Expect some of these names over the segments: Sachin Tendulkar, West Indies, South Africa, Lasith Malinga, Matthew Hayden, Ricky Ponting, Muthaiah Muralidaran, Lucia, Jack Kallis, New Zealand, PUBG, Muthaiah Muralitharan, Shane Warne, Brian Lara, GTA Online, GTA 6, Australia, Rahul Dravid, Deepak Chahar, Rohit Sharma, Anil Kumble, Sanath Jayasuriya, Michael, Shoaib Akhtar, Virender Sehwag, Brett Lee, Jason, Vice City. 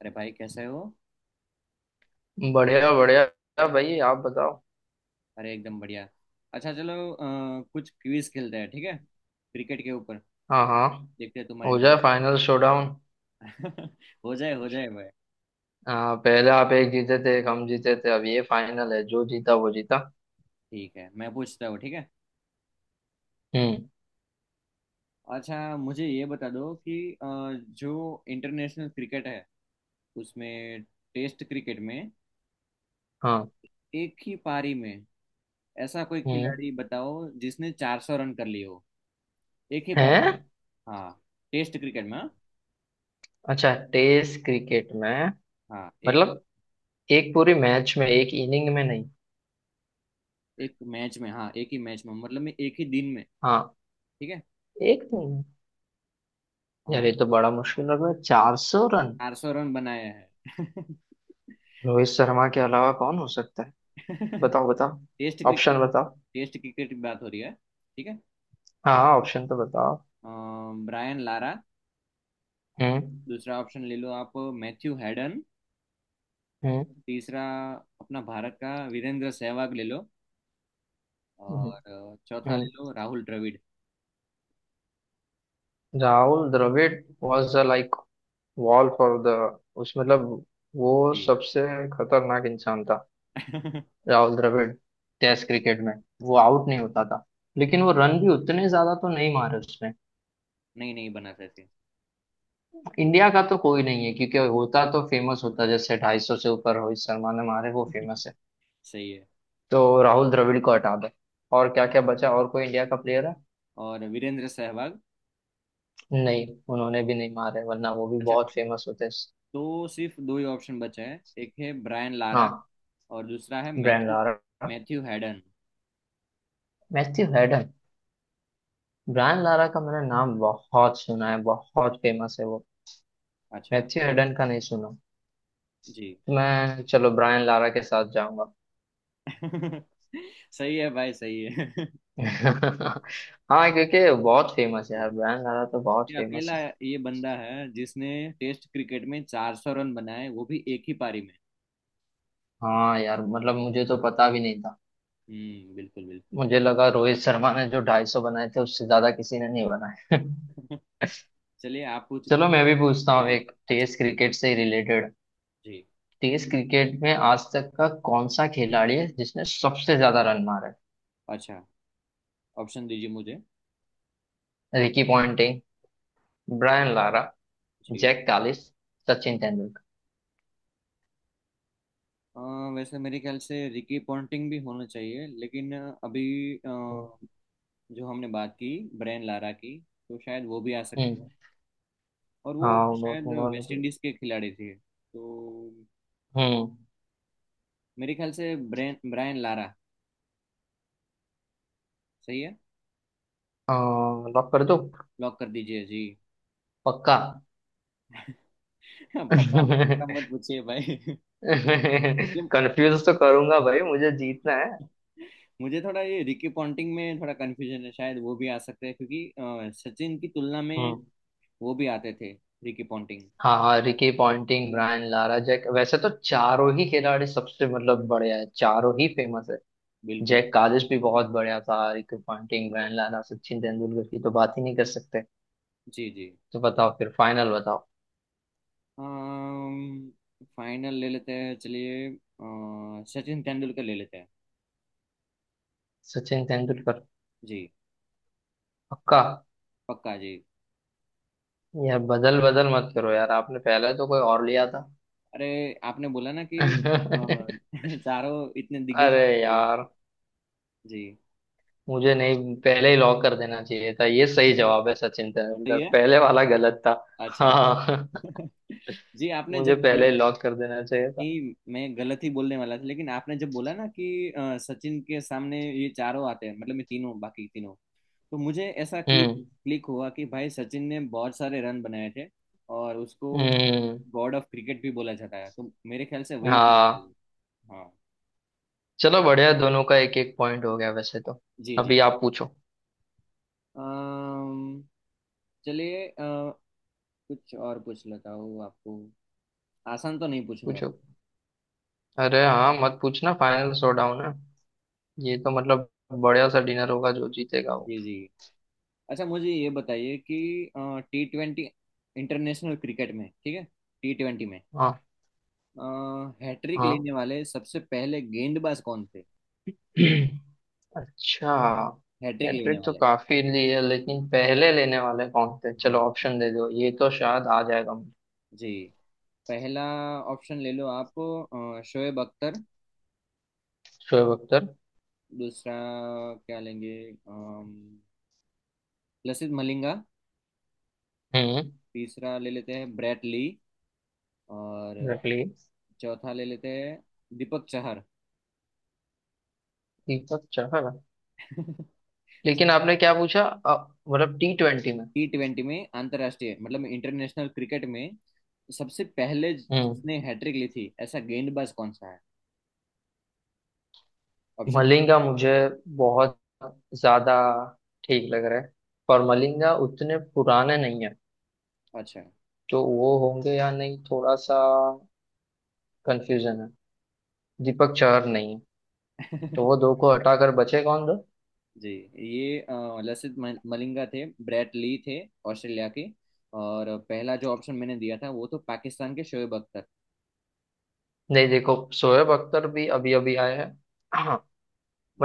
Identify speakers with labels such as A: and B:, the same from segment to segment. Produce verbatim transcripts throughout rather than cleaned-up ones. A: अरे भाई कैसे हो।
B: बढ़िया बढ़िया भाई, आप बताओ।
A: अरे एकदम बढ़िया। अच्छा चलो, अ, कुछ क्विज खेलते हैं, ठीक है? क्रिकेट के ऊपर।
B: हाँ हाँ।
A: देखते हैं तुम्हारी
B: हो जाए
A: नॉलेज।
B: Final showdown.
A: हो जाए हो जाए भाई।
B: आ, पहले आप एक जीते थे, एक हम जीते थे। अब ये फाइनल है, जो जीता वो जीता।
A: ठीक है, मैं पूछता हूँ, ठीक है।
B: हम्म।
A: अच्छा मुझे ये बता दो कि अ, जो इंटरनेशनल क्रिकेट है, उसमें टेस्ट क्रिकेट में
B: हाँ।
A: एक ही पारी में ऐसा कोई
B: हम्म।
A: खिलाड़ी बताओ जिसने चार सौ रन कर लिए हो, एक ही पारी
B: हैं?
A: में। हाँ टेस्ट क्रिकेट में। हाँ,
B: अच्छा, टेस्ट क्रिकेट में।
A: हाँ, एक।
B: मतलब एक पूरी मैच में, एक इनिंग में नहीं?
A: एक मैच में, हाँ, एक ही मैच में मतलब में एक ही दिन में।
B: हाँ।
A: ठीक है।
B: एक नहीं।
A: हाँ,
B: यार, ये तो बड़ा मुश्किल लग रहा है। चार सौ रन।
A: चार सौ रन बनाए हैं।
B: रोहित शर्मा के अलावा कौन हो सकता है? बताओ
A: टेस्ट
B: बताओ। Option
A: cricket.
B: बताओ।
A: टेस्ट क्रिकेट की बात हो रही है, ठीक है।
B: हाँ, ऑप्शन तो बताओ।
A: Brian Lara.
B: हम्म।
A: दूसरा ऑप्शन ले लो आप, मैथ्यू हैडन।
B: हम्म।
A: तीसरा अपना भारत का वीरेंद्र सहवाग ले लो। और अ, चौथा ले
B: हम्म।
A: लो Rahul Dravid.
B: Rahul Dravid was the like wall for the, उस मतलब, वो
A: जी।
B: सबसे खतरनाक इंसान था। राहुल द्रविड़ टेस्ट क्रिकेट में, वो
A: जी।
B: आउट नहीं होता था। लेकिन वो रन भी उतने ज्यादा तो नहीं मारे उसने।
A: नहीं, नहीं बना सकते।
B: इंडिया का तो कोई नहीं है, क्योंकि होता तो फेमस होता। जैसे ढाई सौ से ऊपर रोहित शर्मा ने मारे, वो फेमस है।
A: सही है।
B: तो राहुल द्रविड़ को हटा दे। और क्या क्या बचा, और कोई इंडिया का प्लेयर है?
A: और वीरेंद्र सहवाग।
B: नहीं। उन्होंने भी नहीं मारे, वरना वो भी
A: अच्छा
B: बहुत फेमस होते।
A: तो सिर्फ दो ही ऑप्शन बचे हैं, एक है ब्रायन लारा
B: हाँ।
A: और दूसरा है
B: ब्रेंड
A: Matthew.
B: Lara.
A: Matthew Hayden.
B: Matthew Hayden. Brian Lara का मैंने नाम बहुत सुना है, बहुत फेमस है वो।
A: अच्छा।
B: मैथ्यू हेडन का नहीं सुना।
A: जी।
B: तो मैं, चलो, ब्रायन लारा के साथ जाऊंगा।
A: सही है भाई, सही है।
B: हाँ, क्योंकि बहुत फेमस है यार, ब्रायन लारा तो बहुत
A: ये
B: फेमस
A: अकेला
B: है।
A: ये बंदा है जिसने टेस्ट क्रिकेट में चार सौ रन बनाए, वो भी एक ही पारी में।
B: हाँ यार, मतलब मुझे तो पता भी नहीं था।
A: हम्म, बिल्कुल बिल्कुल।
B: मुझे लगा रोहित शर्मा ने जो ढाई सौ बनाए थे, उससे ज्यादा किसी ने नहीं बनाए।
A: चलिए आप पूछ।
B: चलो, मैं भी पूछता हूँ
A: जी,
B: एक
A: अच्छा
B: टेस्ट
A: पूछ-
B: क्रिकेट से रिलेटेड।
A: जी।
B: टेस्ट क्रिकेट में आज तक का कौन सा खिलाड़ी है जिसने सबसे ज्यादा रन मारे?
A: अच्छा ऑप्शन दीजिए मुझे।
B: Ricky Ponting, Brian Lara,
A: ji,
B: Jacques Kallis, Sachin Tendulkar.
A: अ, वैसे मेरे ख्याल से रिकी पॉन्टिंग भी होना चाहिए, लेकिन अ, अभी अ, जो हमने बात की ब्रेन लारा की, तो शायद वो भी आ
B: हम्म।
A: सकते हैं, और वो
B: हाँ बहुत
A: शायद
B: मोहन
A: वेस्ट
B: के।
A: इंडीज के खिलाड़ी थे, तो
B: हम्म।
A: मेरे ख्याल से ब्रेन ब्रायन लारा। सही है,
B: लॉक कर दो।
A: लॉक कर दीजिए जी।
B: पक्का।
A: पक्का पक्का मत पूछिए भाई। ये-
B: कंफ्यूज तो करूंगा भाई, मुझे जीतना है।
A: मुझे थोड़ा ये रिकी पॉन्टिंग में थोड़ा कंफ्यूजन है, शायद वो भी आ सकते हैं, क्योंकि अ, सचिन की तुलना में
B: हम्म।
A: वो भी आते थे, रिकी पॉन्टिंग।
B: हाँ हाँ, Ricky Ponting, Brian Lara, Jacques, वैसे तो
A: जी,
B: चारों ही खिलाड़ी सबसे, मतलब, बढ़िया है, चारों ही फेमस है।
A: बिल्कुल।
B: जैक कालिस भी बहुत बढ़िया था। Ricky Ponting, Brian Lara, Sachin Tendulkar की तो बात ही नहीं कर सकते।
A: जी जी।
B: तो बताओ फिर, फाइनल बताओ।
A: फाइनल ले लेते हैं, चलिए, अ, सचिन तेंदुलकर ले लेते हैं।
B: सचिन तेंदुलकर।
A: जी।
B: पक्का।
A: पक्का जी।
B: यार, बदल बदल मत करो यार, आपने पहले तो कोई और लिया था।
A: अरे आपने बोला ना कि अ, चारों इतने दिग्गज।
B: अरे यार।
A: जी।
B: मुझे, नहीं, पहले ही लॉक कर देना चाहिए था। ये सही जवाब है, सचिन
A: सही
B: तेंदुलकर,
A: है।
B: पहले वाला गलत था।
A: अच्छा।
B: हाँ।
A: जी आपने
B: मुझे
A: जब
B: पहले
A: बोला
B: ही लॉक कर देना चाहिए था।
A: कि मैं गलत ही बोलने वाला था, लेकिन आपने जब बोला ना कि अ, सचिन के सामने ये चारों आते हैं, मतलब मैं तीनों, बाकी तीनों, तो मुझे ऐसा क्लिक
B: हम्म।
A: क्लिक हुआ कि भाई सचिन ने बहुत सारे रन बनाए थे, और उसको
B: हम्म।
A: गॉड ऑफ क्रिकेट भी बोला जाता है, तो मेरे ख्याल से वही होना
B: हाँ।
A: चाहिए। हाँ।
B: चलो बढ़िया, दोनों का एक एक पॉइंट हो गया वैसे तो।
A: जी जी।
B: अभी आप पूछो।
A: अम्म, चलिए, अ, कुछ और पूछ लेता हूँ आपको। आसान तो नहीं पूछूंगा।
B: पूछो। अरे, हाँ मत पूछना, फाइनल शोडाउन है। ये तो मतलब, बढ़िया सा डिनर होगा, जो जीतेगा वो।
A: जी जी। अच्छा मुझे ये बताइए कि टी ट्वेंटी इंटरनेशनल क्रिकेट में, ठीक है, टी ट्वेंटी में
B: हाँ।
A: हैट्रिक
B: हाँ।
A: लेने वाले सबसे पहले गेंदबाज कौन थे?
B: अच्छा।
A: हैट्रिक लेने
B: हैट्रिक तो
A: वाले।
B: काफी ली है, लेकिन पहले लेने वाले कौन थे? चलो
A: हाँ।
B: ऑप्शन दे दो, ये तो शायद आ जाएगा मुझे।
A: जी। पहला ऑप्शन ले लो आप, अ, शोएब अख्तर।
B: शोएब अख्तर।
A: दूसरा क्या लेंगे, अम, लसित मलिंगा।
B: हम्म।
A: तीसरा ले लेते हैं ब्रेट ली। और
B: रख लिए।
A: चौथा ले लेते हैं दीपक चहर।
B: दीपक चाहर। लेकिन आपने क्या पूछा, अ, मतलब टी ट्वेंटी में?
A: टी ट्वेंटी में अंतर्राष्ट्रीय मतलब इंटरनेशनल क्रिकेट में सबसे पहले
B: हम्म।
A: जिसने हैट्रिक ली थी, ऐसा गेंदबाज कौन सा है? ऑप्शन।
B: मलिंगा मुझे बहुत ज्यादा ठीक लग रहा है। पर मलिंगा उतने पुराने नहीं है।
A: अच्छा।
B: तो वो होंगे या नहीं, थोड़ा सा कंफ्यूजन है। दीपक चहर नहीं है। तो वो दो को हटाकर बचे कौन दो?
A: जी, ये अ, लसित मल- मलिंगा थे, ब्रेट ली थे ऑस्ट्रेलिया के, और पहला जो ऑप्शन मैंने दिया था वो तो पाकिस्तान के शोएब अख्तर।
B: नहीं, देखो शोएब अख्तर भी अभी अभी आए हैं। हाँ,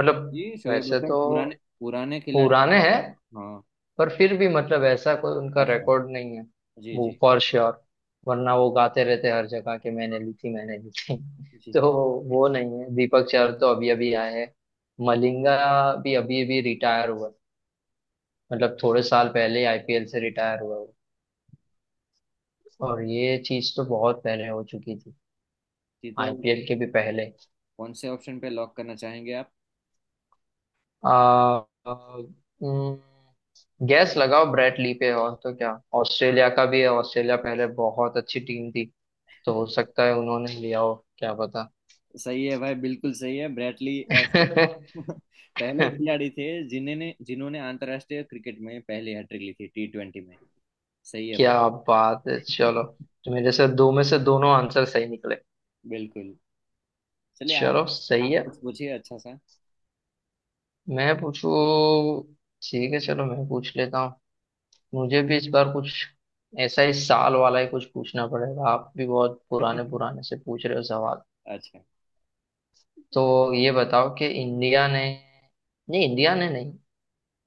A: नहीं जी, शोएब
B: वैसे
A: अख्तर पुराने
B: तो
A: पुराने खिलाड़ी
B: पुराने
A: हैं।
B: हैं।
A: हाँ।
B: पर फिर भी मतलब ऐसा कोई उनका
A: अच्छा।
B: रिकॉर्ड नहीं है।
A: जी
B: वो
A: जी
B: फॉर श्योर। वरना वो गाते रहते हर जगह कि मैंने ली थी, मैंने ली थी।
A: जी। जी।
B: तो वो नहीं है, दीपक चार तो अभी अभी आए हैं। मलिंगा भी अभी अभी रिटायर हुआ। मतलब थोड़े साल पहले आई पी एल से रिटायर हुआ वो। और ये चीज तो बहुत पहले हो चुकी थी,
A: जी, तो
B: आई पी एल के भी पहले।
A: कौन से ऑप्शन पे लॉक करना चाहेंगे आप?
B: आ, गैस लगाओ ब्रेट ली पे, और तो क्या। ऑस्ट्रेलिया का भी है, ऑस्ट्रेलिया पहले बहुत अच्छी टीम थी। तो हो सकता है उन्होंने लिया हो, क्या पता।
A: सही है भाई, बिल्कुल सही है, ब्रेटली ऐसे पहले खिलाड़ी थे जिन्होंने जिन्होंने अंतर्राष्ट्रीय क्रिकेट में पहली हैट्रिक ली थी टी ट्वेंटी में। सही है भाई।
B: क्या बात है, चलो। तो मेरे से दो में से दोनों आंसर सही निकले।
A: बिल्कुल। चलिए आप
B: चलो सही
A: आप
B: है।
A: कुछ पूछिए अच्छा सा।
B: मैं पूछू? ठीक है, चलो मैं पूछ लेता हूँ। मुझे भी इस बार कुछ ऐसा ही साल वाला ही कुछ पूछना पड़ेगा, आप भी बहुत पुराने पुराने से पूछ रहे हो सवाल।
A: अच्छा।
B: तो ये बताओ कि इंडिया ने, नहीं, इंडिया ने नहीं,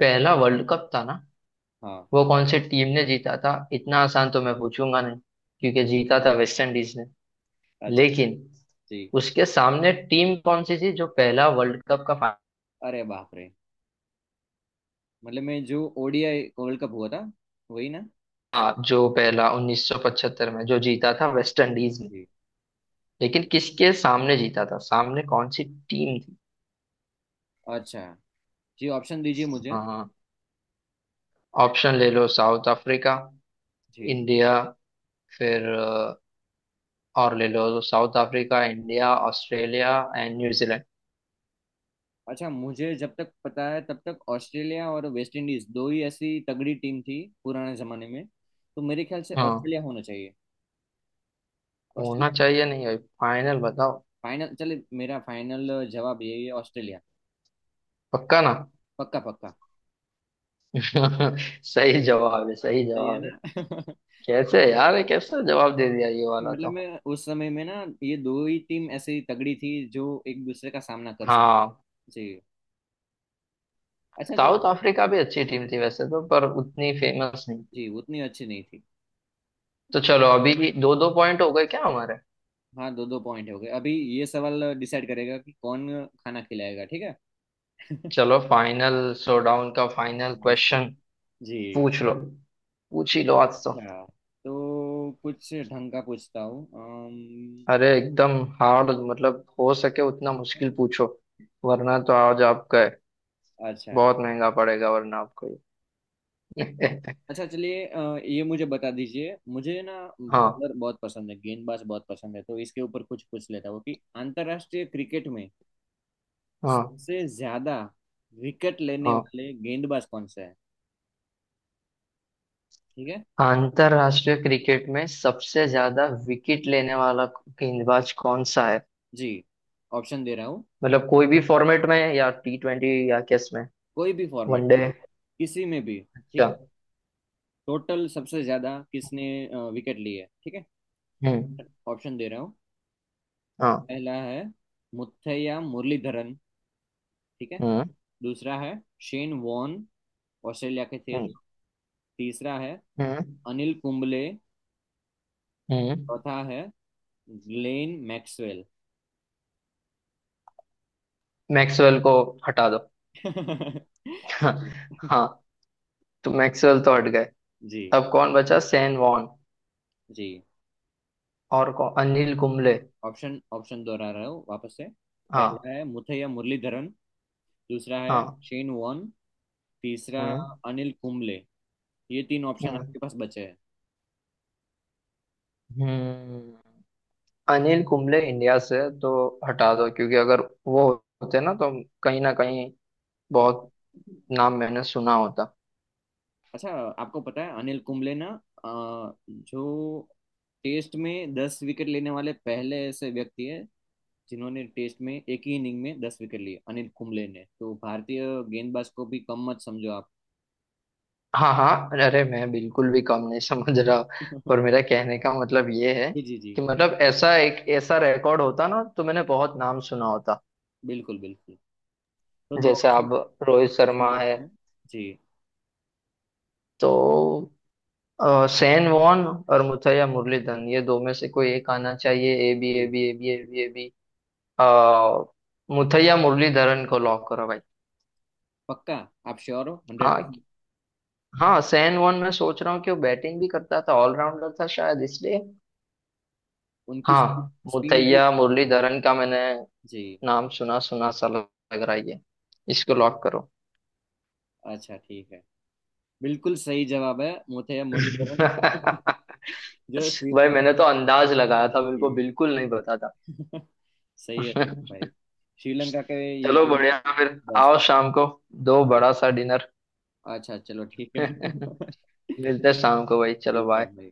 B: पहला वर्ल्ड कप था ना,
A: हाँ।
B: वो कौन सी टीम ने जीता था? इतना आसान तो मैं पूछूंगा नहीं, क्योंकि जीता था वेस्ट इंडीज ने।
A: अच्छा।
B: लेकिन
A: जी।
B: उसके सामने टीम कौन सी थी, जो पहला वर्ल्ड कप का फाइनल?
A: अरे बाप रे। मतलब मैं, जो O D I world cup हुआ था, वही ना?
B: हाँ, जो पहला उन्नीस सौ पचहत्तर में जो जीता था वेस्ट इंडीज ने,
A: जी।
B: लेकिन किसके सामने जीता था, सामने कौन सी टीम थी?
A: अच्छा। जी ऑप्शन दीजिए मुझे।
B: हाँ। ऑप्शन ले लो, साउथ अफ्रीका,
A: जी।
B: इंडिया, फिर अ, और ले लो south Africa, India, Australia and New Zealand.
A: अच्छा मुझे जब तक पता है तब तक ऑस्ट्रेलिया और वेस्ट इंडीज दो ही ऐसी तगड़ी टीम थी, पुराने जमाने में, तो मेरे ख्याल से
B: हाँ,
A: ऑस्ट्रेलिया होना चाहिए।
B: होना
A: ऑस्ट्रेलिया।
B: चाहिए नहीं भाई, फाइनल बताओ।
A: फाइनल चले, मेरा फाइनल जवाब यही है, ऑस्ट्रेलिया।
B: पक्का ना?
A: पक्का पक्का।
B: सही जवाब है, सही
A: सही है
B: जवाब है।
A: ना?
B: कैसे यार, ये कैसे जवाब दे दिया ये वाला
A: मतलब
B: तो।
A: मैं उस समय में ना, ये दो ही टीम ऐसी तगड़ी थी जो एक दूसरे का सामना कर सकती।
B: हाँ।
A: जी। अच्छा चलो।
B: साउथ अफ्रीका भी अच्छी टीम थी वैसे तो, पर उतनी फेमस नहीं थी।
A: जी उतनी अच्छी नहीं थी।
B: तो चलो अभी दो दो पॉइंट हो गए क्या हमारे?
A: हाँ दो दो पॉइंट हो गए अभी। ये सवाल डिसाइड करेगा कि कौन खाना खिलाएगा, ठीक है?
B: चलो फाइनल शोडाउन का फाइनल क्वेश्चन।
A: जी।
B: पूछ लो, पूछ ही लो आज तो।
A: अच्छा तो कुछ ढंग का पूछता हूँ, अम,
B: अरे एकदम हार्ड, मतलब हो सके उतना मुश्किल पूछो। वरना तो आज आपका है,
A: अच्छा।
B: बहुत महंगा पड़ेगा वरना आपको ये।
A: अच्छा चलिए, अ, ये मुझे बता दीजिए, मुझे ना
B: हाँ।
A: बॉलर बहुत पसंद है, गेंदबाज बहुत पसंद है, तो इसके ऊपर कुछ पूछ लेता हूँ कि अंतर्राष्ट्रीय क्रिकेट में
B: हाँ।
A: सबसे ज्यादा विकेट लेने
B: हाँ।
A: वाले गेंदबाज कौन सा है, ठीक है?
B: अंतरराष्ट्रीय क्रिकेट में सबसे ज्यादा विकेट लेने वाला गेंदबाज कौन सा है?
A: जी ऑप्शन दे रहा हूँ।
B: मतलब कोई भी फॉर्मेट में, या टी ट्वेंटी, या किस में?
A: कोई भी फॉर्मेट
B: वनडे?
A: में, किसी में भी, ठीक
B: अच्छा।
A: है। टोटल सबसे ज्यादा किसने विकेट लिए है। ठीक है,
B: हम्म।
A: ऑप्शन दे रहा हूँ।
B: हाँ।
A: पहला है मुथैया मुरलीधरन, ठीक है।
B: हम्म।
A: दूसरा है शेन वॉन, ऑस्ट्रेलिया के थे
B: हम्म।
A: जो। तीसरा है
B: हम्म।
A: अनिल कुंबले।
B: हम्म।
A: चौथा है ग्लेन मैक्सवेल।
B: मैक्सवेल को हटा दो। हाँ। तो मैक्सवेल तो हट गए।
A: जी।
B: अब कौन बचा, सेन वॉन?
A: जी
B: और कौन, अनिल कुंबले।
A: ऑप्शन ऑप्शन दोहरा रहा हूँ वापस से। पहला
B: हाँ।
A: है मुथैया मुरलीधरन। दूसरा है
B: हाँ।
A: Shane Warne. तीसरा
B: हम्म।
A: अनिल कुंबले। ये तीन ऑप्शन
B: हम्म।
A: आपके पास बचे हैं।
B: हम्म। अनिल कुंबले, इंडिया से तो हटा दो, क्योंकि अगर वो होते ना, तो कहीं ना कहीं बहुत नाम मैंने सुना होता।
A: अच्छा आपको पता है अनिल कुंबले ना अ, जो टेस्ट में दस विकेट लेने वाले पहले ऐसे व्यक्ति है, जिन्होंने टेस्ट में एक ही इनिंग में दस विकेट लिए, अनिल कुंबले ने। तो भारतीय गेंदबाज को भी कम मत समझो आप।
B: हाँ हाँ, अरे मैं बिल्कुल भी कम नहीं समझ रहा। और मेरा कहने का मतलब ये है
A: जी जी जी।
B: कि मतलब ऐसा, एक ऐसा रिकॉर्ड होता ना, तो मैंने बहुत नाम सुना होता।
A: बिल्कुल बिल्कुल। तो दो
B: जैसे
A: ऑप्शन
B: अब रोहित शर्मा है।
A: बचते हैं। जी
B: तो अ, सैन वॉन और मुथैया मुरलीधरन, ये दो में से कोई एक आना चाहिए। ए बी
A: जी।
B: A B A B A B A B. अ, मुथैया मुरलीधरन को लॉक करो भाई।
A: पक्का? आप श्योर हो हंड्रेड
B: हाँ।
A: परसेंट
B: हाँ सैन वॉन, मैं सोच रहा हूँ कि वो बैटिंग भी करता था, ऑलराउंडर था शायद इसलिए।
A: उनकी
B: हाँ।
A: स्पिन भी।
B: मुथैया मुरलीधरन का मैंने
A: जी।
B: नाम सुना सुना सा लग रहा है ये। इसको लॉक करो।
A: अच्छा ठीक है, बिल्कुल सही जवाब है, मुथैया मुरलीधरन। जो श्री,
B: भाई मैंने तो अंदाज लगाया था, बिल्कुल
A: जी।
B: बिल्कुल नहीं पता
A: सही है,
B: था।
A: सही है भाई, श्रीलंका के। ये
B: चलो
A: गेम
B: बढ़िया, फिर
A: बस।
B: आओ शाम को। दो
A: ठीक।
B: बड़ा सा डिनर।
A: अच्छा चलो ठीक है।
B: मिलते हैं शाम को भाई, चलो
A: मिलते
B: बाय।
A: हैं भाई।